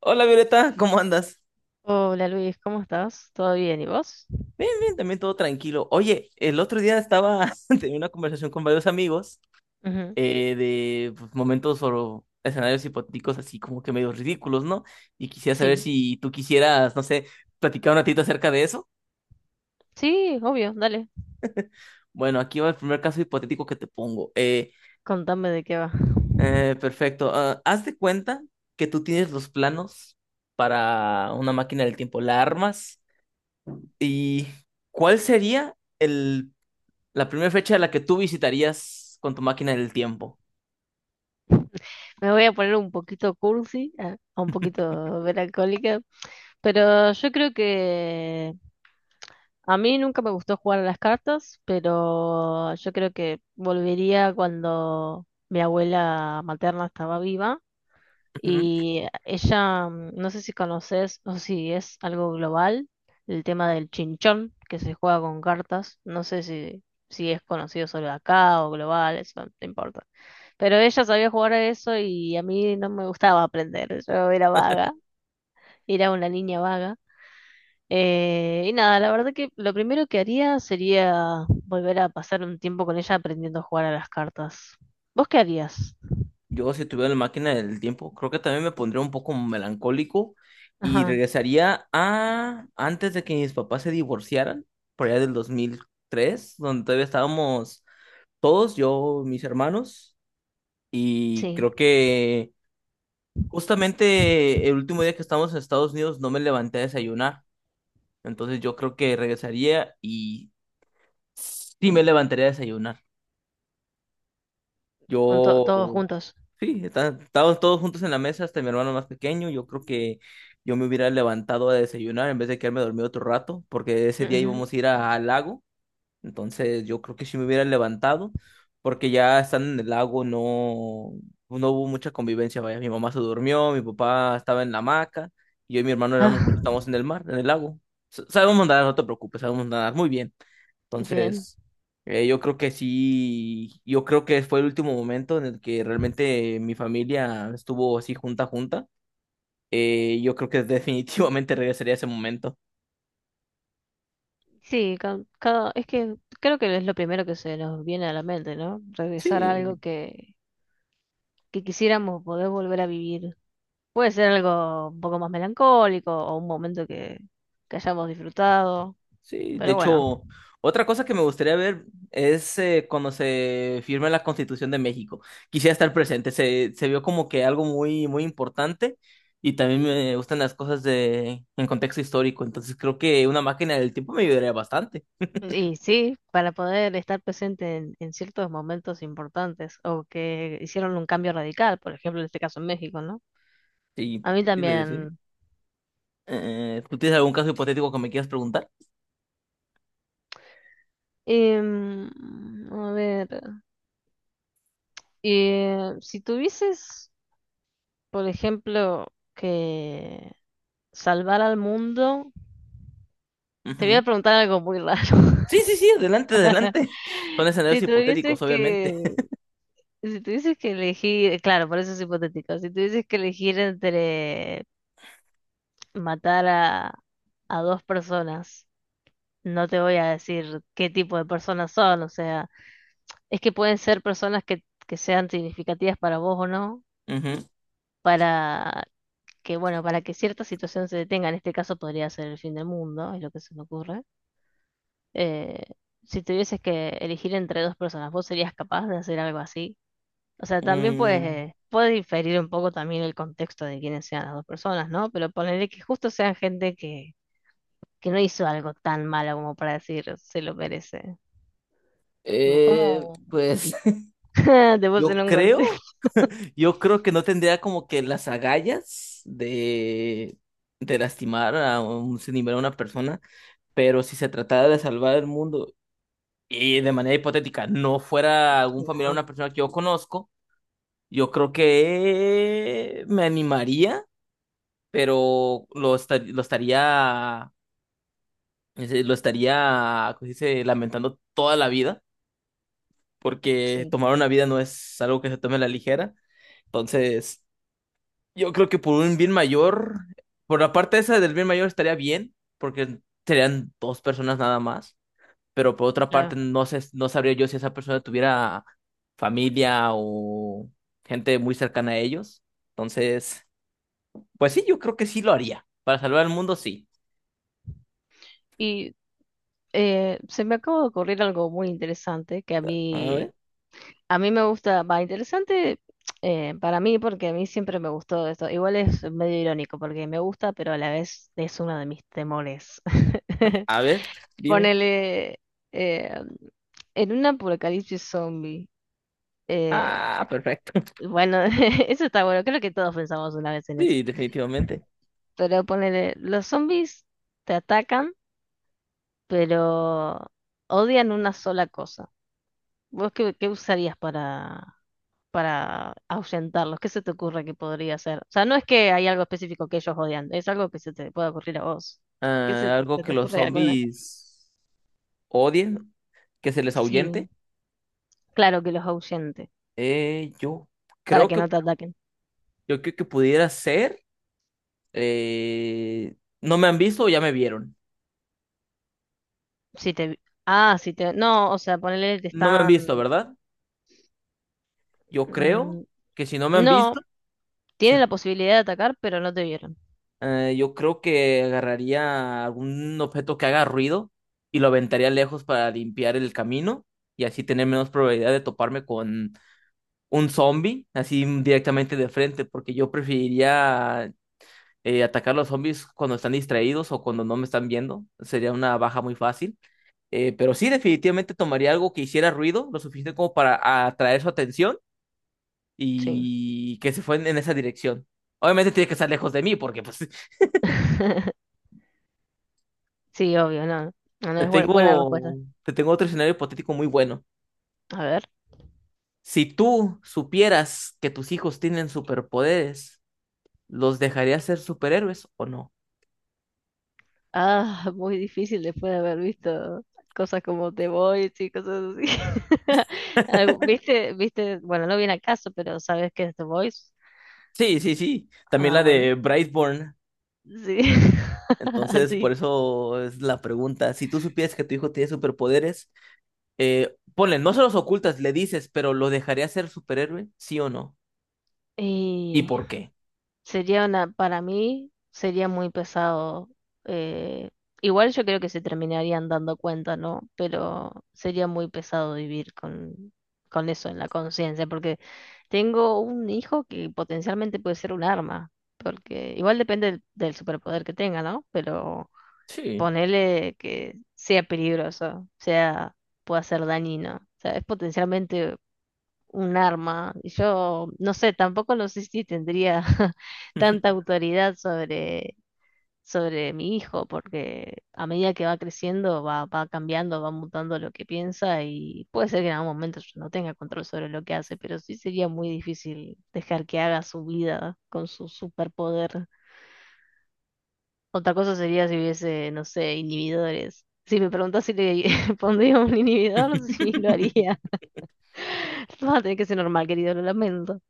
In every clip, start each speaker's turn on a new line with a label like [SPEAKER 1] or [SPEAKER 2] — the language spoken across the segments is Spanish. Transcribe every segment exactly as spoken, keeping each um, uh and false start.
[SPEAKER 1] Hola Violeta, ¿cómo andas?
[SPEAKER 2] Hola Luis, ¿cómo estás? ¿Todo bien? ¿Y vos?
[SPEAKER 1] Bien, también todo tranquilo. Oye, el otro día estaba teniendo una conversación con varios amigos
[SPEAKER 2] Ujú.
[SPEAKER 1] eh, de pues, momentos o escenarios hipotéticos así como que medio ridículos, ¿no? Y quisiera saber
[SPEAKER 2] Sí,
[SPEAKER 1] si tú quisieras, no sé, platicar un ratito acerca de eso.
[SPEAKER 2] sí, obvio, dale.
[SPEAKER 1] Bueno, aquí va el primer caso hipotético que te pongo. Eh,
[SPEAKER 2] Contame de qué va.
[SPEAKER 1] eh, perfecto. Ah, haz de cuenta que tú tienes los planos para una máquina del tiempo, la armas. ¿Y cuál sería el la primera fecha a la que tú visitarías con tu máquina del tiempo?
[SPEAKER 2] Me voy a poner un poquito cursi, ah, un poquito melancólica, pero yo creo que a mí nunca me gustó jugar a las cartas, pero yo creo que volvería cuando mi abuela materna estaba viva.
[SPEAKER 1] Ujú.
[SPEAKER 2] Y ella, mm, no sé si conoces o si es algo global, el tema del chinchón, que se juega con cartas. No sé si, si es conocido solo acá o global, eso no te importa. Pero ella sabía jugar a eso y a mí no me gustaba aprender. Yo era vaga, era una niña vaga. Eh, y nada, la verdad que lo primero que haría sería volver a pasar un tiempo con ella aprendiendo a jugar a las cartas. ¿Vos qué harías?
[SPEAKER 1] Yo, si tuviera la máquina del tiempo, creo que también me pondría un poco melancólico y
[SPEAKER 2] Ajá,
[SPEAKER 1] regresaría a antes de que mis papás se divorciaran, por allá del dos mil tres, donde todavía estábamos todos, yo, mis hermanos, y
[SPEAKER 2] sí,
[SPEAKER 1] creo que justamente el último día que estábamos en Estados Unidos no me levanté a desayunar, entonces yo creo que regresaría y sí me levantaría a desayunar.
[SPEAKER 2] con to-
[SPEAKER 1] Yo.
[SPEAKER 2] todos juntos.
[SPEAKER 1] Sí, está- estábamos todos juntos en la mesa, hasta mi hermano más pequeño. Yo creo que yo me hubiera levantado a desayunar en vez de quedarme dormido otro rato, porque ese día
[SPEAKER 2] Ujú.
[SPEAKER 1] íbamos a ir a- al lago. Entonces yo creo que sí me hubiera levantado, porque ya estando en el lago no, no hubo mucha convivencia, vaya, mi mamá se durmió, mi papá estaba en la hamaca, y yo y mi hermano éramos,
[SPEAKER 2] Ah,
[SPEAKER 1] estábamos en el mar, en el lago. S- Sabemos nadar, no te preocupes, sabemos nadar muy bien.
[SPEAKER 2] bien.
[SPEAKER 1] Entonces, eh, yo creo que sí, yo creo que fue el último momento en el que realmente mi familia estuvo así junta, junta. Eh, yo creo que definitivamente regresaría a ese momento.
[SPEAKER 2] Sí, ca- cada, es que creo que es lo primero que se nos viene a la mente, ¿no? Regresar a algo
[SPEAKER 1] Sí.
[SPEAKER 2] que, que quisiéramos poder volver a vivir. Puede ser algo un poco más melancólico o un momento que, que hayamos disfrutado,
[SPEAKER 1] Sí, de
[SPEAKER 2] pero bueno.
[SPEAKER 1] hecho, otra cosa que me gustaría ver es eh, cuando se firme la Constitución de México. Quisiera estar presente, se, se vio como que algo muy, muy importante y también me gustan las cosas de, en contexto histórico, entonces creo que una máquina del tiempo me ayudaría bastante.
[SPEAKER 2] Y sí, para poder estar presente en, en ciertos momentos importantes o que hicieron un cambio radical, por ejemplo, en este caso en México, ¿no?
[SPEAKER 1] Sí,
[SPEAKER 2] A mí
[SPEAKER 1] ¿qué te iba a decir?
[SPEAKER 2] también.
[SPEAKER 1] Eh, ¿tú tienes algún caso hipotético que me quieras preguntar?
[SPEAKER 2] Em, a ver, eh, si tuvieses... Por ejemplo, que salvar al mundo. Te voy a
[SPEAKER 1] Ujú.
[SPEAKER 2] preguntar algo muy raro.
[SPEAKER 1] Sí, sí, sí, adelante, adelante. Son escenarios
[SPEAKER 2] Si tuvieses
[SPEAKER 1] hipotéticos, obviamente.
[SPEAKER 2] que, si tuvieses que elegir, claro, por eso es hipotético. Si tuvieses que elegir entre matar a, a dos personas, no te voy a decir qué tipo de personas son, o sea, es que pueden ser personas que, que sean significativas para vos o no.
[SPEAKER 1] Ujú.
[SPEAKER 2] Que bueno, para que cierta situación se detenga, en este caso podría ser el fin del mundo, es lo que se me ocurre. Eh, si tuvieses que elegir entre dos personas, ¿vos serías capaz de hacer algo así? O sea, también puedes,
[SPEAKER 1] Mm,
[SPEAKER 2] eh, puede diferir un poco también el contexto de quiénes sean las dos personas, ¿no? Pero ponerle que justo sean gente que, que no hizo algo tan malo como para decir se lo merece. Tipo,
[SPEAKER 1] eh,
[SPEAKER 2] ¿cómo
[SPEAKER 1] pues
[SPEAKER 2] te
[SPEAKER 1] yo
[SPEAKER 2] puse en un
[SPEAKER 1] creo.
[SPEAKER 2] contexto?
[SPEAKER 1] Yo creo que no tendría como que las agallas de, de lastimar a un sinimero a una persona, pero si se tratara de salvar el mundo y de manera hipotética no fuera algún familiar
[SPEAKER 2] No,
[SPEAKER 1] de una persona que yo conozco, yo creo que me animaría, pero lo, esta- lo estaría, es decir, lo estaría, ¿cómo se dice? Lamentando toda la vida, porque
[SPEAKER 2] sí,
[SPEAKER 1] tomar una vida no es algo que se tome a la ligera. Entonces. Yo creo que por un bien mayor, por la parte esa del bien mayor estaría bien, porque serían dos personas nada más, pero por otra parte
[SPEAKER 2] claro.
[SPEAKER 1] no sé, no sabría yo si esa persona tuviera familia o gente muy cercana a ellos. Entonces, pues sí, yo creo que sí lo haría. Para salvar al mundo, sí.
[SPEAKER 2] Y eh, se me acaba de ocurrir algo muy interesante que a
[SPEAKER 1] A
[SPEAKER 2] mí.
[SPEAKER 1] ver,
[SPEAKER 2] A mí me gusta, va, interesante, eh, para mí porque a mí siempre me gustó esto. Igual es medio irónico porque me gusta, pero a la vez es uno de mis temores.
[SPEAKER 1] a ver, dime.
[SPEAKER 2] Ponele eh, en un apocalipsis zombie. eh,
[SPEAKER 1] Ah, perfecto.
[SPEAKER 2] bueno, eso está bueno, creo que todos pensamos una vez en eso.
[SPEAKER 1] Sí, definitivamente.
[SPEAKER 2] Pero ponele, los zombies te atacan, pero odian una sola cosa. ¿Vos qué, qué usarías para, para ahuyentarlos? ¿Qué se te ocurre que podría hacer? O sea, no es que hay algo específico que ellos odian, es algo que se te pueda ocurrir a vos. ¿Qué se,
[SPEAKER 1] Ah, algo
[SPEAKER 2] se
[SPEAKER 1] que
[SPEAKER 2] te
[SPEAKER 1] los
[SPEAKER 2] ocurre alguna?
[SPEAKER 1] zombies odien, que se les
[SPEAKER 2] Sí,
[SPEAKER 1] ahuyente.
[SPEAKER 2] claro que los ahuyente,
[SPEAKER 1] Eh, yo
[SPEAKER 2] para
[SPEAKER 1] creo
[SPEAKER 2] que
[SPEAKER 1] que
[SPEAKER 2] no te ataquen.
[SPEAKER 1] Yo creo que pudiera ser. eh, no me han visto o ya me vieron.
[SPEAKER 2] Si te... Ah, si te... No, o sea, ponele, te
[SPEAKER 1] No me han
[SPEAKER 2] están...
[SPEAKER 1] visto, ¿verdad? Yo creo
[SPEAKER 2] Mm,
[SPEAKER 1] que si no me han
[SPEAKER 2] no.
[SPEAKER 1] visto, si
[SPEAKER 2] Tienen
[SPEAKER 1] no-
[SPEAKER 2] la posibilidad de atacar, pero no te vieron.
[SPEAKER 1] eh, yo creo que agarraría algún objeto que haga ruido y lo aventaría lejos para limpiar el camino y así tener menos probabilidad de toparme con un zombie, así directamente de frente, porque yo preferiría eh, atacar a los zombies cuando están distraídos o cuando no me están viendo. Sería una baja muy fácil. Eh, pero sí, definitivamente tomaría algo que hiciera ruido, lo suficiente como para atraer su atención
[SPEAKER 2] Sí.
[SPEAKER 1] y que se fue en, en esa dirección. Obviamente tiene que estar lejos de mí porque pues
[SPEAKER 2] Sí, obvio, no. No, no
[SPEAKER 1] te
[SPEAKER 2] es buena, buena
[SPEAKER 1] tengo,
[SPEAKER 2] respuesta.
[SPEAKER 1] te tengo otro escenario hipotético muy bueno.
[SPEAKER 2] A ver.
[SPEAKER 1] Si tú supieras que tus hijos tienen superpoderes, ¿los dejarías ser superhéroes o no?
[SPEAKER 2] Ah, muy difícil después de haber visto cosas como The Voice y cosas así. Algo- ¿Viste? ¿Viste? Bueno, no viene al caso, pero ¿sabes qué es The Voice?
[SPEAKER 1] Sí, sí, sí. También
[SPEAKER 2] Ah,
[SPEAKER 1] la
[SPEAKER 2] bueno.
[SPEAKER 1] de Brightborn.
[SPEAKER 2] Sí,
[SPEAKER 1] Entonces, por
[SPEAKER 2] sí.
[SPEAKER 1] eso es la pregunta. Si tú supieras que tu hijo tiene superpoderes, eh, ponle, no se los ocultas, le dices, pero ¿lo dejaría ser superhéroe? ¿Sí o no? ¿Y
[SPEAKER 2] Y
[SPEAKER 1] por qué?
[SPEAKER 2] sería una, para mí sería muy pesado. eh, Igual yo creo que se terminarían dando cuenta, ¿no? Pero sería muy pesado vivir con, con eso en la conciencia, porque tengo un hijo que potencialmente puede ser un arma, porque igual depende del, del superpoder que tenga, ¿no? Pero
[SPEAKER 1] Sí.
[SPEAKER 2] ponerle que sea peligroso, sea, pueda ser dañino. O sea, es potencialmente un arma. Yo no sé, tampoco lo sé si tendría tanta autoridad sobre, sobre mi hijo, porque a medida que va creciendo, va, va cambiando, va mutando lo que piensa y puede ser que en algún momento yo no tenga control sobre lo que hace, pero sí sería muy difícil dejar que haga su vida con su superpoder. Otra cosa sería si hubiese, no sé, inhibidores. Si me preguntas si le pondría un inhibidor, sí lo haría. Va a tener que ser normal, querido, lo lamento.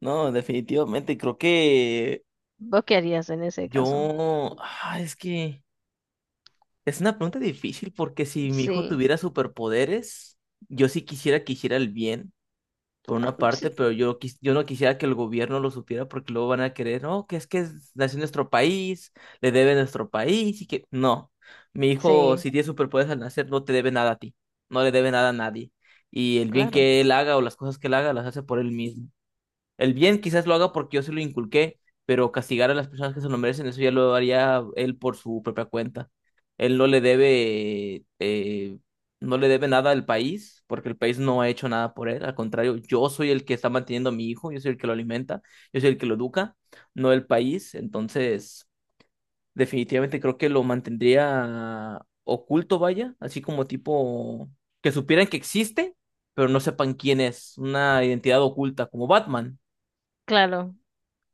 [SPEAKER 1] No, definitivamente, creo que
[SPEAKER 2] ¿Vos qué harías en ese caso?
[SPEAKER 1] yo, ah, es que es una pregunta difícil porque si mi hijo
[SPEAKER 2] Sí,
[SPEAKER 1] tuviera superpoderes, yo sí quisiera que hiciera el bien, por una parte,
[SPEAKER 2] sí,
[SPEAKER 1] pero yo, quis- yo no quisiera que el gobierno lo supiera porque luego van a querer, no, que es que es- nació en nuestro país, le debe nuestro país y que no, mi hijo,
[SPEAKER 2] sí,
[SPEAKER 1] si tiene superpoderes al nacer, no te debe nada a ti, no le debe nada a nadie. Y el bien
[SPEAKER 2] claro,
[SPEAKER 1] que él haga o las cosas que él haga las hace por él mismo. El bien quizás lo haga porque yo se lo inculqué, pero castigar a las personas que se lo merecen, eso ya lo haría él por su propia cuenta. Él no le debe, eh, no le debe nada al país, porque el país no ha hecho nada por él. Al contrario, yo soy el que está manteniendo a mi hijo, yo soy el que lo alimenta, yo soy el que lo educa, no el país. Entonces, definitivamente creo que lo mantendría oculto, vaya, así como tipo que supieran que existe, pero no sepan quién es, una identidad oculta, como Batman.
[SPEAKER 2] claro.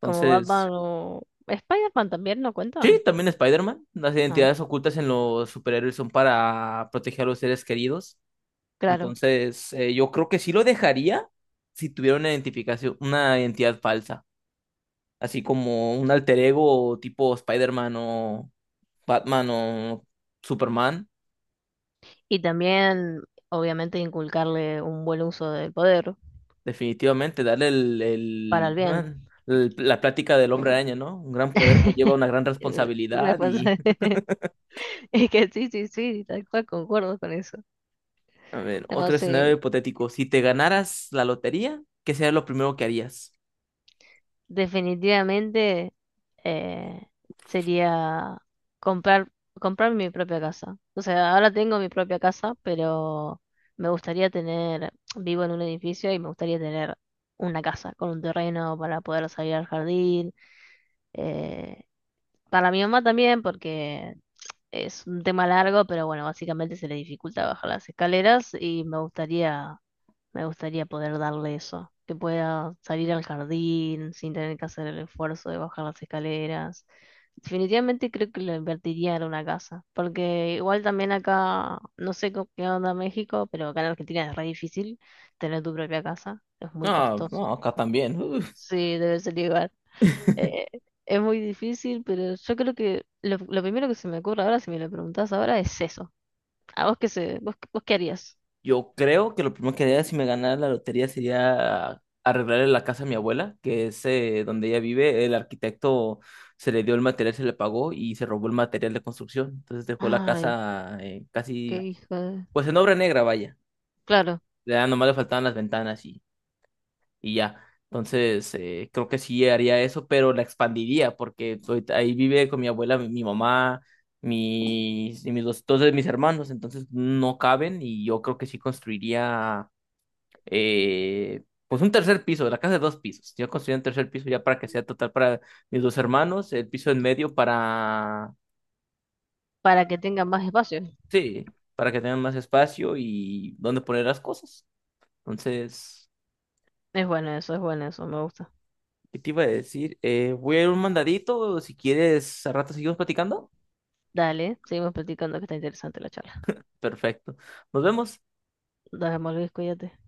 [SPEAKER 2] Como
[SPEAKER 1] Entonces,
[SPEAKER 2] Batman o Spider-Man también no
[SPEAKER 1] sí,
[SPEAKER 2] cuenta.
[SPEAKER 1] también Spider-Man. Las
[SPEAKER 2] Ah,
[SPEAKER 1] identidades ocultas en los superhéroes son para proteger a los seres queridos.
[SPEAKER 2] claro.
[SPEAKER 1] Entonces, eh, yo creo que sí lo dejaría si tuviera una identificación, una identidad falsa, así como un alter ego tipo Spider-Man o Batman o Superman.
[SPEAKER 2] Y también, obviamente, inculcarle un buen uso del poder
[SPEAKER 1] Definitivamente, darle el,
[SPEAKER 2] para
[SPEAKER 1] el-
[SPEAKER 2] el bien.
[SPEAKER 1] el- la plática del hombre araña, ¿no? Un gran poder conlleva una gran
[SPEAKER 2] Eh,
[SPEAKER 1] responsabilidad y
[SPEAKER 2] responsa- Es que sí, sí, sí, tal cual concuerdo con eso.
[SPEAKER 1] a ver,
[SPEAKER 2] No,
[SPEAKER 1] otro escenario
[SPEAKER 2] sí,
[SPEAKER 1] hipotético. Si te ganaras la lotería, ¿qué sería lo primero que harías?
[SPEAKER 2] definitivamente eh, sería comprar, comprar mi propia casa. O sea, ahora tengo mi propia casa, pero me gustaría tener, vivo en un edificio y me gustaría tener una casa con un terreno para poder salir al jardín. eh, para mi mamá también, porque es un tema largo, pero bueno, básicamente se le dificulta bajar las escaleras y me gustaría me gustaría poder darle eso, que pueda salir al jardín sin tener que hacer el esfuerzo de bajar las escaleras. Definitivamente creo que lo invertiría en una casa, porque igual también acá, no sé co- qué onda México, pero acá en Argentina es re difícil tener tu propia casa, es muy
[SPEAKER 1] No,
[SPEAKER 2] costoso.
[SPEAKER 1] no, acá también. Uf.
[SPEAKER 2] Sí, debe ser igual. Eh, es muy difícil, pero yo creo que lo, lo primero que se me ocurre ahora, si me lo preguntás ahora, es eso. ¿A vos qué se, vos, vos qué harías?
[SPEAKER 1] Yo creo que lo primero que haría si me ganara la lotería sería arreglarle la casa a mi abuela, que es eh, donde ella vive. El arquitecto se le dio el material, se le pagó y se robó el material de construcción. Entonces dejó la
[SPEAKER 2] Ay,
[SPEAKER 1] casa eh,
[SPEAKER 2] qué
[SPEAKER 1] casi,
[SPEAKER 2] hijo de...
[SPEAKER 1] pues en obra negra, vaya.
[SPEAKER 2] Claro.
[SPEAKER 1] Ya nomás le faltaban las ventanas y ya. Entonces, eh, creo que sí haría eso, pero la expandiría porque ahorita ahí vive con mi abuela, mi, mi mamá, mis, y mis dos, dos de mis hermanos, entonces no caben y yo creo que sí construiría eh, pues un tercer piso, la casa de dos pisos. Yo construiría un tercer piso ya para que sea total para mis dos hermanos, el piso en medio para,
[SPEAKER 2] Para que tengan más espacio.
[SPEAKER 1] sí, para que tengan más espacio y donde poner las cosas. Entonces...
[SPEAKER 2] Es bueno eso, es bueno eso, me gusta.
[SPEAKER 1] ¿Qué te iba a decir? Eh, voy a ir un mandadito. Si quieres, a rato seguimos platicando.
[SPEAKER 2] Dale, seguimos platicando que está interesante la charla.
[SPEAKER 1] Perfecto. Nos vemos.
[SPEAKER 2] Nos vemos, Luis, cuídate.